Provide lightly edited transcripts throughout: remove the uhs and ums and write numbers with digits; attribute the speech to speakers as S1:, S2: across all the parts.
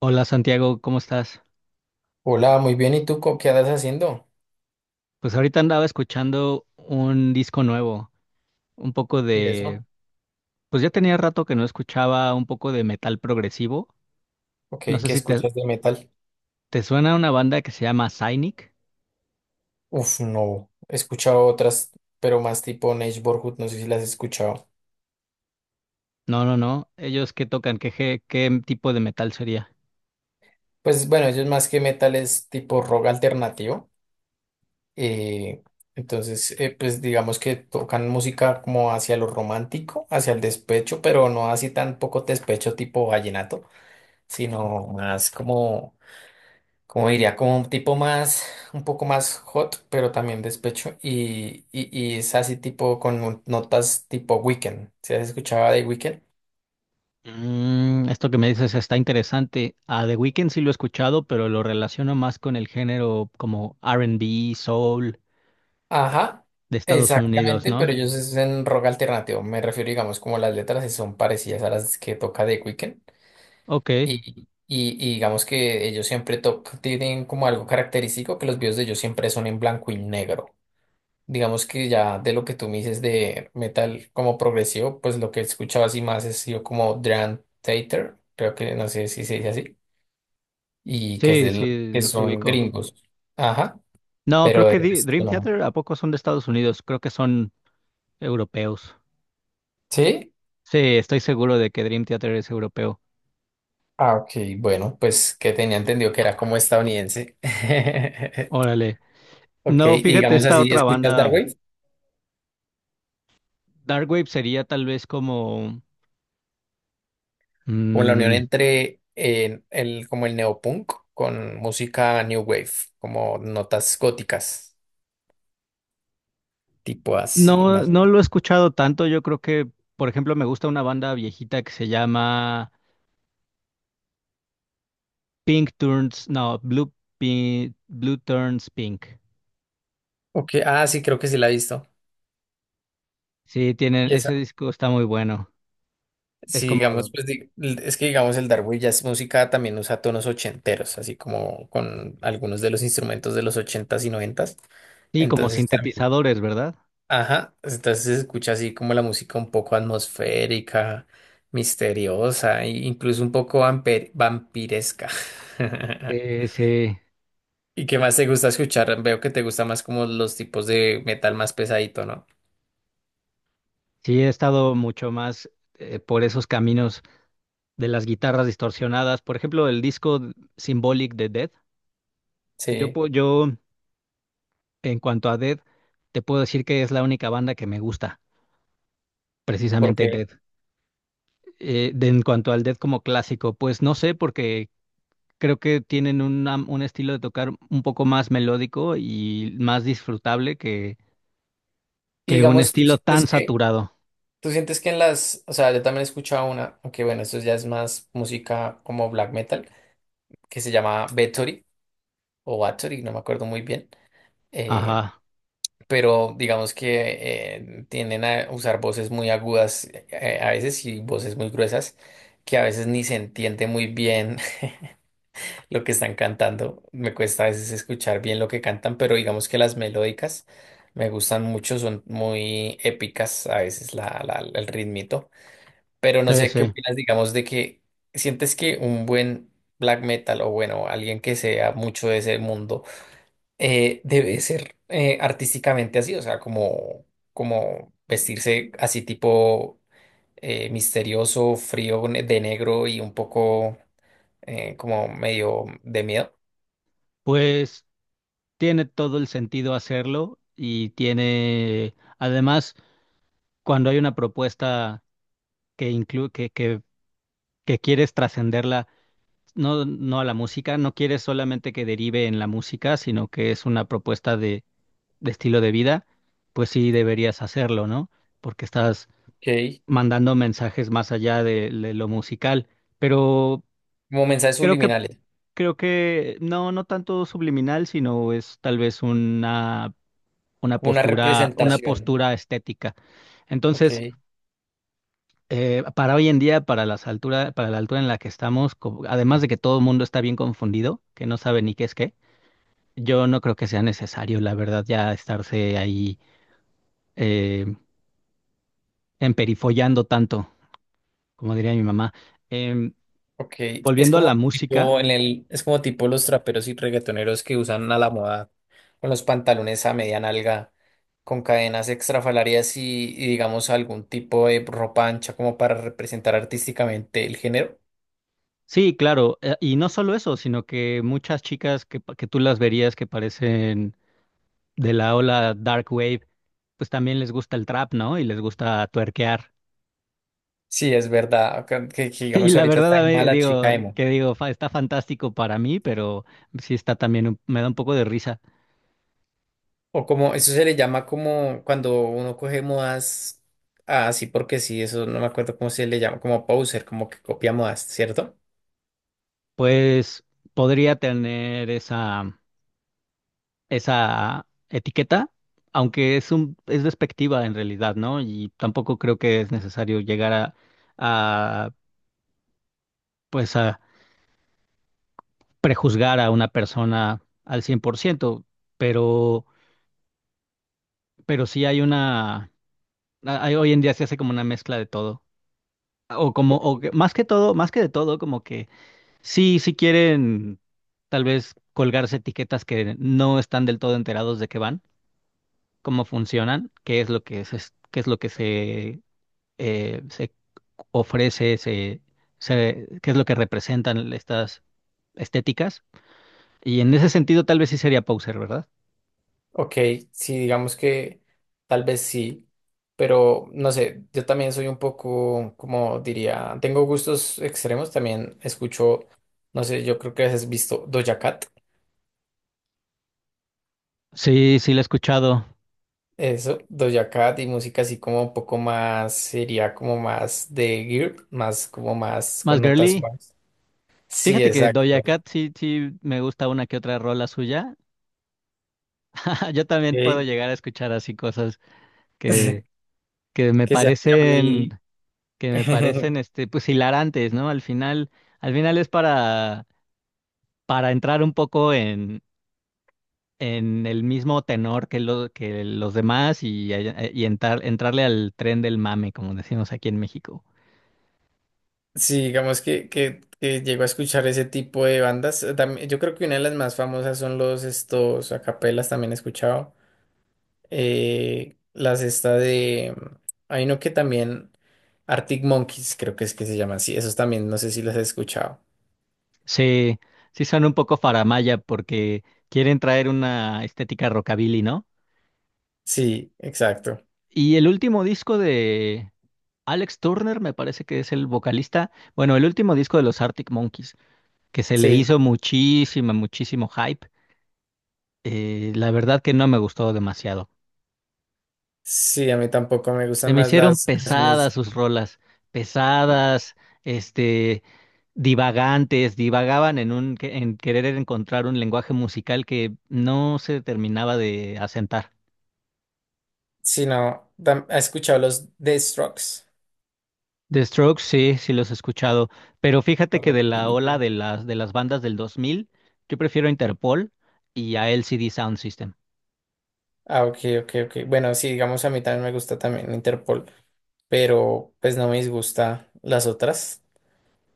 S1: Hola Santiago, ¿cómo estás?
S2: Hola, muy bien. ¿Y tú qué andas haciendo?
S1: Pues ahorita andaba escuchando un disco nuevo, un poco
S2: ¿Y
S1: de,
S2: eso?
S1: pues ya tenía rato que no escuchaba un poco de metal progresivo.
S2: Ok,
S1: No sé
S2: ¿qué
S1: si te,
S2: escuchas de metal?
S1: te suena una banda que se llama Cynic.
S2: Uf, no. He escuchado otras, pero más tipo Neige Borgut, no sé si las he escuchado.
S1: No, no, no. ¿Ellos qué tocan? ¿Qué tipo de metal sería?
S2: Pues bueno, ellos más que metal es tipo rock alternativo. eh, entonces, pues digamos que tocan música como hacia lo romántico, hacia el despecho, pero no así tan poco despecho tipo vallenato, sino más como como diría, como un tipo más, un poco más hot, pero también despecho, y es así tipo con notas tipo Weekend, ¿se has escuchado de Weekend?
S1: Mm, esto que me dices está interesante. A The Weeknd sí lo he escuchado, pero lo relaciono más con el género como R&B, soul
S2: Ajá,
S1: de Estados Unidos,
S2: exactamente,
S1: ¿no?
S2: pero ellos es en rock alternativo, me refiero, digamos, como las letras sí son parecidas a las que toca de Weekend,
S1: Ok,
S2: y digamos que ellos siempre tienen como algo característico, que los videos de ellos siempre son en blanco y negro. Digamos que ya de lo que tú me dices de metal como progresivo, pues lo que escuchaba así más es yo como Dream Theater, creo que no sé si se dice así, y que es
S1: sí,
S2: del,
S1: sí,
S2: que
S1: los
S2: son
S1: ubico.
S2: gringos. Ajá,
S1: No, creo
S2: pero de
S1: que
S2: resto
S1: Dream
S2: no.
S1: Theater a poco son de Estados Unidos, creo que son europeos.
S2: ¿Sí?
S1: Sí, estoy seguro de que Dream Theater es europeo.
S2: Ah, ok, bueno, pues que tenía entendido que era como estadounidense.
S1: Órale.
S2: Ok,
S1: No,
S2: y
S1: fíjate,
S2: digamos
S1: esta
S2: así,
S1: otra
S2: ¿escuchas
S1: banda,
S2: Darkwave?
S1: Darkwave sería tal vez como,
S2: Como la unión
S1: mm,
S2: entre el, como el neopunk con música new wave, como notas góticas, tipo así,
S1: no,
S2: más.
S1: no lo he escuchado tanto, yo creo que, por ejemplo, me gusta una banda viejita que se llama Pink Turns, no, Blue, Blue Turns Pink.
S2: Ok, ah, sí, creo que sí la he visto.
S1: Sí, tienen,
S2: Y
S1: ese
S2: esa,
S1: disco está muy bueno. Es
S2: sí, digamos,
S1: como,
S2: es que digamos el Dark Jazz música también usa tonos ochenteros, así como con algunos de los instrumentos de los ochentas y noventas.
S1: sí, como
S2: Entonces también,
S1: sintetizadores, ¿verdad?
S2: ajá, entonces se escucha así como la música un poco atmosférica, misteriosa, e incluso un poco vampiresca.
S1: Sí, sí.
S2: ¿Y qué más te gusta escuchar? Veo que te gusta más como los tipos de metal más pesadito, ¿no?
S1: Sí, he estado mucho más por esos caminos de las guitarras distorsionadas. Por ejemplo, el disco Symbolic de Dead. Yo,
S2: Sí,
S1: po- yo, en cuanto a Dead, te puedo decir que es la única banda que me gusta, precisamente
S2: porque
S1: Dead. En cuanto al Dead como clásico, pues no sé, porque creo que tienen un estilo de tocar un poco más melódico y más disfrutable que,
S2: y
S1: que un
S2: digamos,
S1: estilo tan saturado.
S2: tú sientes que en las, o sea, yo también he escuchado una, aunque bueno, esto ya es más música como black metal, que se llama Bathory o Bathory, no me acuerdo muy bien. eh,
S1: Ajá,
S2: pero digamos que tienden a usar voces muy agudas a veces y voces muy gruesas que a veces ni se entiende muy bien lo que están cantando. Me cuesta a veces escuchar bien lo que cantan, pero digamos que las melódicas me gustan mucho, son muy épicas a veces el ritmito. Pero no
S1: sí,
S2: sé qué
S1: sí.
S2: opinas, digamos, de que sientes que un buen black metal o bueno, alguien que sea mucho de ese mundo debe ser artísticamente así, o sea, como, como vestirse así tipo misterioso, frío, de negro y un poco como medio de miedo.
S1: Pues. Tiene todo el sentido hacerlo y tiene, además, cuando hay una propuesta que inclu- que quieres trascenderla, no, no a la música, no quieres solamente que derive en la música, sino que es una propuesta de estilo de vida, pues sí deberías hacerlo, ¿no? Porque estás
S2: Ok.
S1: mandando mensajes más allá de lo musical. Pero
S2: Como mensajes
S1: creo que,
S2: subliminales,
S1: creo que no, no tanto subliminal, sino es tal vez una
S2: como una
S1: postura, una
S2: representación.
S1: postura estética.
S2: Ok,
S1: Entonces, para hoy en día, para la altura en la que estamos, además de que todo el mundo está bien confundido, que no sabe ni qué es qué, yo no creo que sea necesario, la verdad, ya estarse ahí eh, emperifollando tanto, como diría mi mamá. Em,
S2: ok. Es
S1: volviendo a
S2: como
S1: la música.
S2: tipo en el, es como tipo los traperos y reggaetoneros que usan a la moda con los pantalones a media nalga, con cadenas extrafalarias y digamos algún tipo de ropa ancha como para representar artísticamente el género.
S1: Sí, claro, y no solo eso, sino que muchas chicas que tú las verías que parecen de la ola Dark Wave, pues también les gusta el trap, ¿no? Y les gusta tuerquear.
S2: Sí, es verdad. Que
S1: Y
S2: digamos
S1: la
S2: ahorita
S1: verdad,
S2: está
S1: a
S2: en
S1: mí,
S2: mala
S1: digo,
S2: chica emo.
S1: está fantástico para mí, pero sí está también, me da un poco de risa.
S2: O como, eso se le llama como cuando uno coge modas ah, así porque sí, eso no me acuerdo cómo se le llama, como poser, como que copia modas, ¿cierto?
S1: Pues podría tener esa etiqueta, aunque es despectiva en realidad, ¿no? Y tampoco creo que es necesario llegar a pues a prejuzgar a una persona al 100%, pero, pero sí hay una. Hoy en día se hace como una mezcla de todo. O como, o que- Más que todo, más que de todo, como que sí, sí quieren tal vez colgarse etiquetas que no están del todo enterados de qué van, cómo funcionan, qué es lo que se, se ofrece, qué es lo que representan estas estéticas. Y en ese sentido, tal vez sí sería Poser, ¿verdad?
S2: Ok, sí, digamos que tal vez sí, pero no sé, yo también soy un poco, como diría, tengo gustos extremos, también escucho, no sé, yo creo que has visto Doja Cat,
S1: Sí, sí, la he escuchado.
S2: eso, Doja Cat y música así como un poco más, sería como más de girl, más como más
S1: Más
S2: con notas
S1: girly.
S2: suaves. Sí,
S1: Fíjate que Doja
S2: exacto.
S1: Cat sí, sí me gusta una que otra rola suya. Yo también puedo
S2: Ok,
S1: llegar a escuchar así cosas que, que me
S2: que sea ya muy...
S1: parecen, que me parecen pues hilarantes, ¿no? Al final es para entrar un poco en el mismo tenor que los demás y entrarle al tren del mame, como decimos aquí en México.
S2: Sí, digamos que llego a escuchar ese tipo de bandas. Yo creo que una de las más famosas son los estos acapelas, también he escuchado. Las esta de... Hay uno que también... Arctic Monkeys, creo que es que se llaman. Sí, esos también, no sé si los he escuchado.
S1: Sí, sí son un poco faramalla porque quieren traer una estética rockabilly, ¿no?
S2: Sí, exacto.
S1: Y el último disco de Alex Turner me parece que es el vocalista, bueno, el último disco de los Arctic Monkeys, que se le
S2: Sí,
S1: hizo muchísima, muchísimo hype. La verdad que no me gustó demasiado.
S2: sí, a mí tampoco me
S1: Se
S2: gustan
S1: me
S2: más
S1: hicieron
S2: las
S1: pesadas
S2: canciones,
S1: sus rolas, pesadas, este, divagantes, divagaban en querer encontrar un lenguaje musical que no se terminaba de asentar.
S2: sino, ¿has escuchado los Death Strokes?
S1: The Strokes, sí, sí los he escuchado, pero fíjate que de
S2: Correcto.
S1: la ola de las bandas del 2000, yo prefiero Interpol y a LCD Sound System.
S2: Ah, ok, ok, ok. Bueno, sí, digamos, a mí también me gusta también Interpol, pero pues no me disgusta las otras.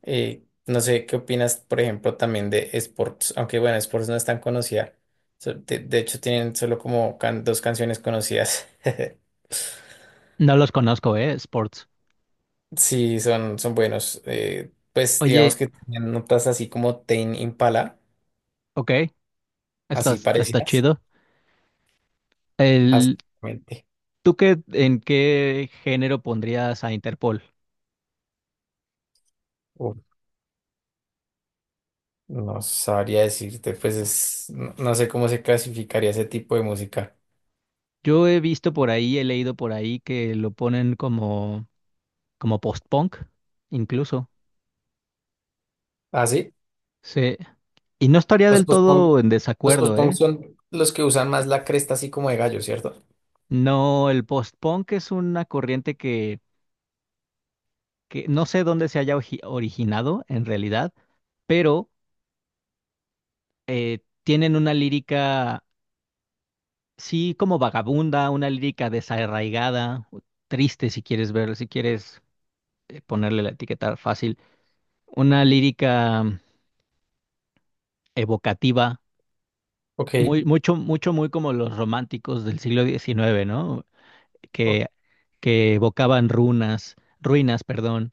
S2: No sé qué opinas, por ejemplo, también de Sports, aunque bueno, Sports no es tan conocida. De hecho, tienen solo como dos canciones conocidas.
S1: No los conozco, Sports.
S2: Sí, son, son buenos. Pues
S1: Oye,
S2: digamos que tienen notas así como Tame Impala,
S1: ok, está,
S2: así
S1: está
S2: parecidas.
S1: chido. El,
S2: Exactamente.
S1: ¿Tú qué, en qué género pondrías a Interpol?
S2: No sabría decirte, pues es, no, no sé cómo se clasificaría ese tipo de música.
S1: Yo he visto por ahí, he leído por ahí que lo ponen como post-punk, incluso.
S2: ¿Ah, sí?
S1: Sí. Y no estaría
S2: Los
S1: del
S2: post-punk,
S1: todo en
S2: los
S1: desacuerdo,
S2: post-punk
S1: ¿eh?
S2: son los que usan más la cresta así como de gallo, ¿cierto?
S1: No, el post-punk es una corriente que no sé dónde se haya originado en realidad, pero tienen una lírica, sí, como vagabunda, una lírica desarraigada, o triste si quieres ver, si quieres ponerle la etiqueta fácil, una lírica evocativa,
S2: Ok.
S1: muy, mucho, mucho, muy como los románticos del siglo XIX, ¿no?
S2: O-
S1: Que, que evocaban runas, ruinas, perdón,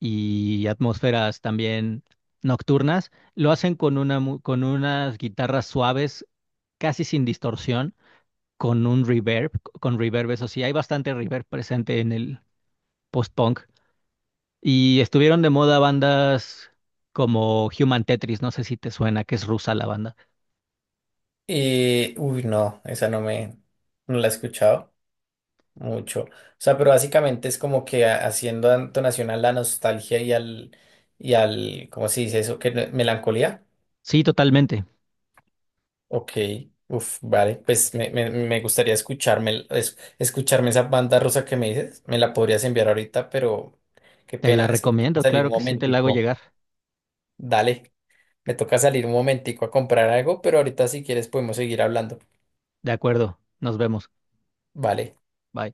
S1: y atmósferas también nocturnas. Lo hacen con unas guitarras suaves, casi sin distorsión, con un reverb, con reverb, eso sí, hay bastante reverb presente en el post-punk. Y estuvieron de moda bandas como Human Tetris, no sé si te suena, que es rusa la banda.
S2: y, uy, no, esa no me, no la he escuchado mucho. O sea, pero básicamente es como que haciendo entonación a la nostalgia y al, ¿cómo se dice eso? ¿Qué? ¿Melancolía?
S1: Sí, totalmente.
S2: Ok, uf, vale, pues me gustaría escucharme, escucharme esa banda rosa que me dices, me la podrías enviar ahorita, pero qué
S1: Te la
S2: pena, es que me toca
S1: recomiendo,
S2: salir un
S1: claro que sí, te la hago
S2: momentico,
S1: llegar.
S2: dale, me toca salir un momentico a comprar algo, pero ahorita si quieres podemos seguir hablando,
S1: De acuerdo, nos vemos.
S2: vale.
S1: Bye.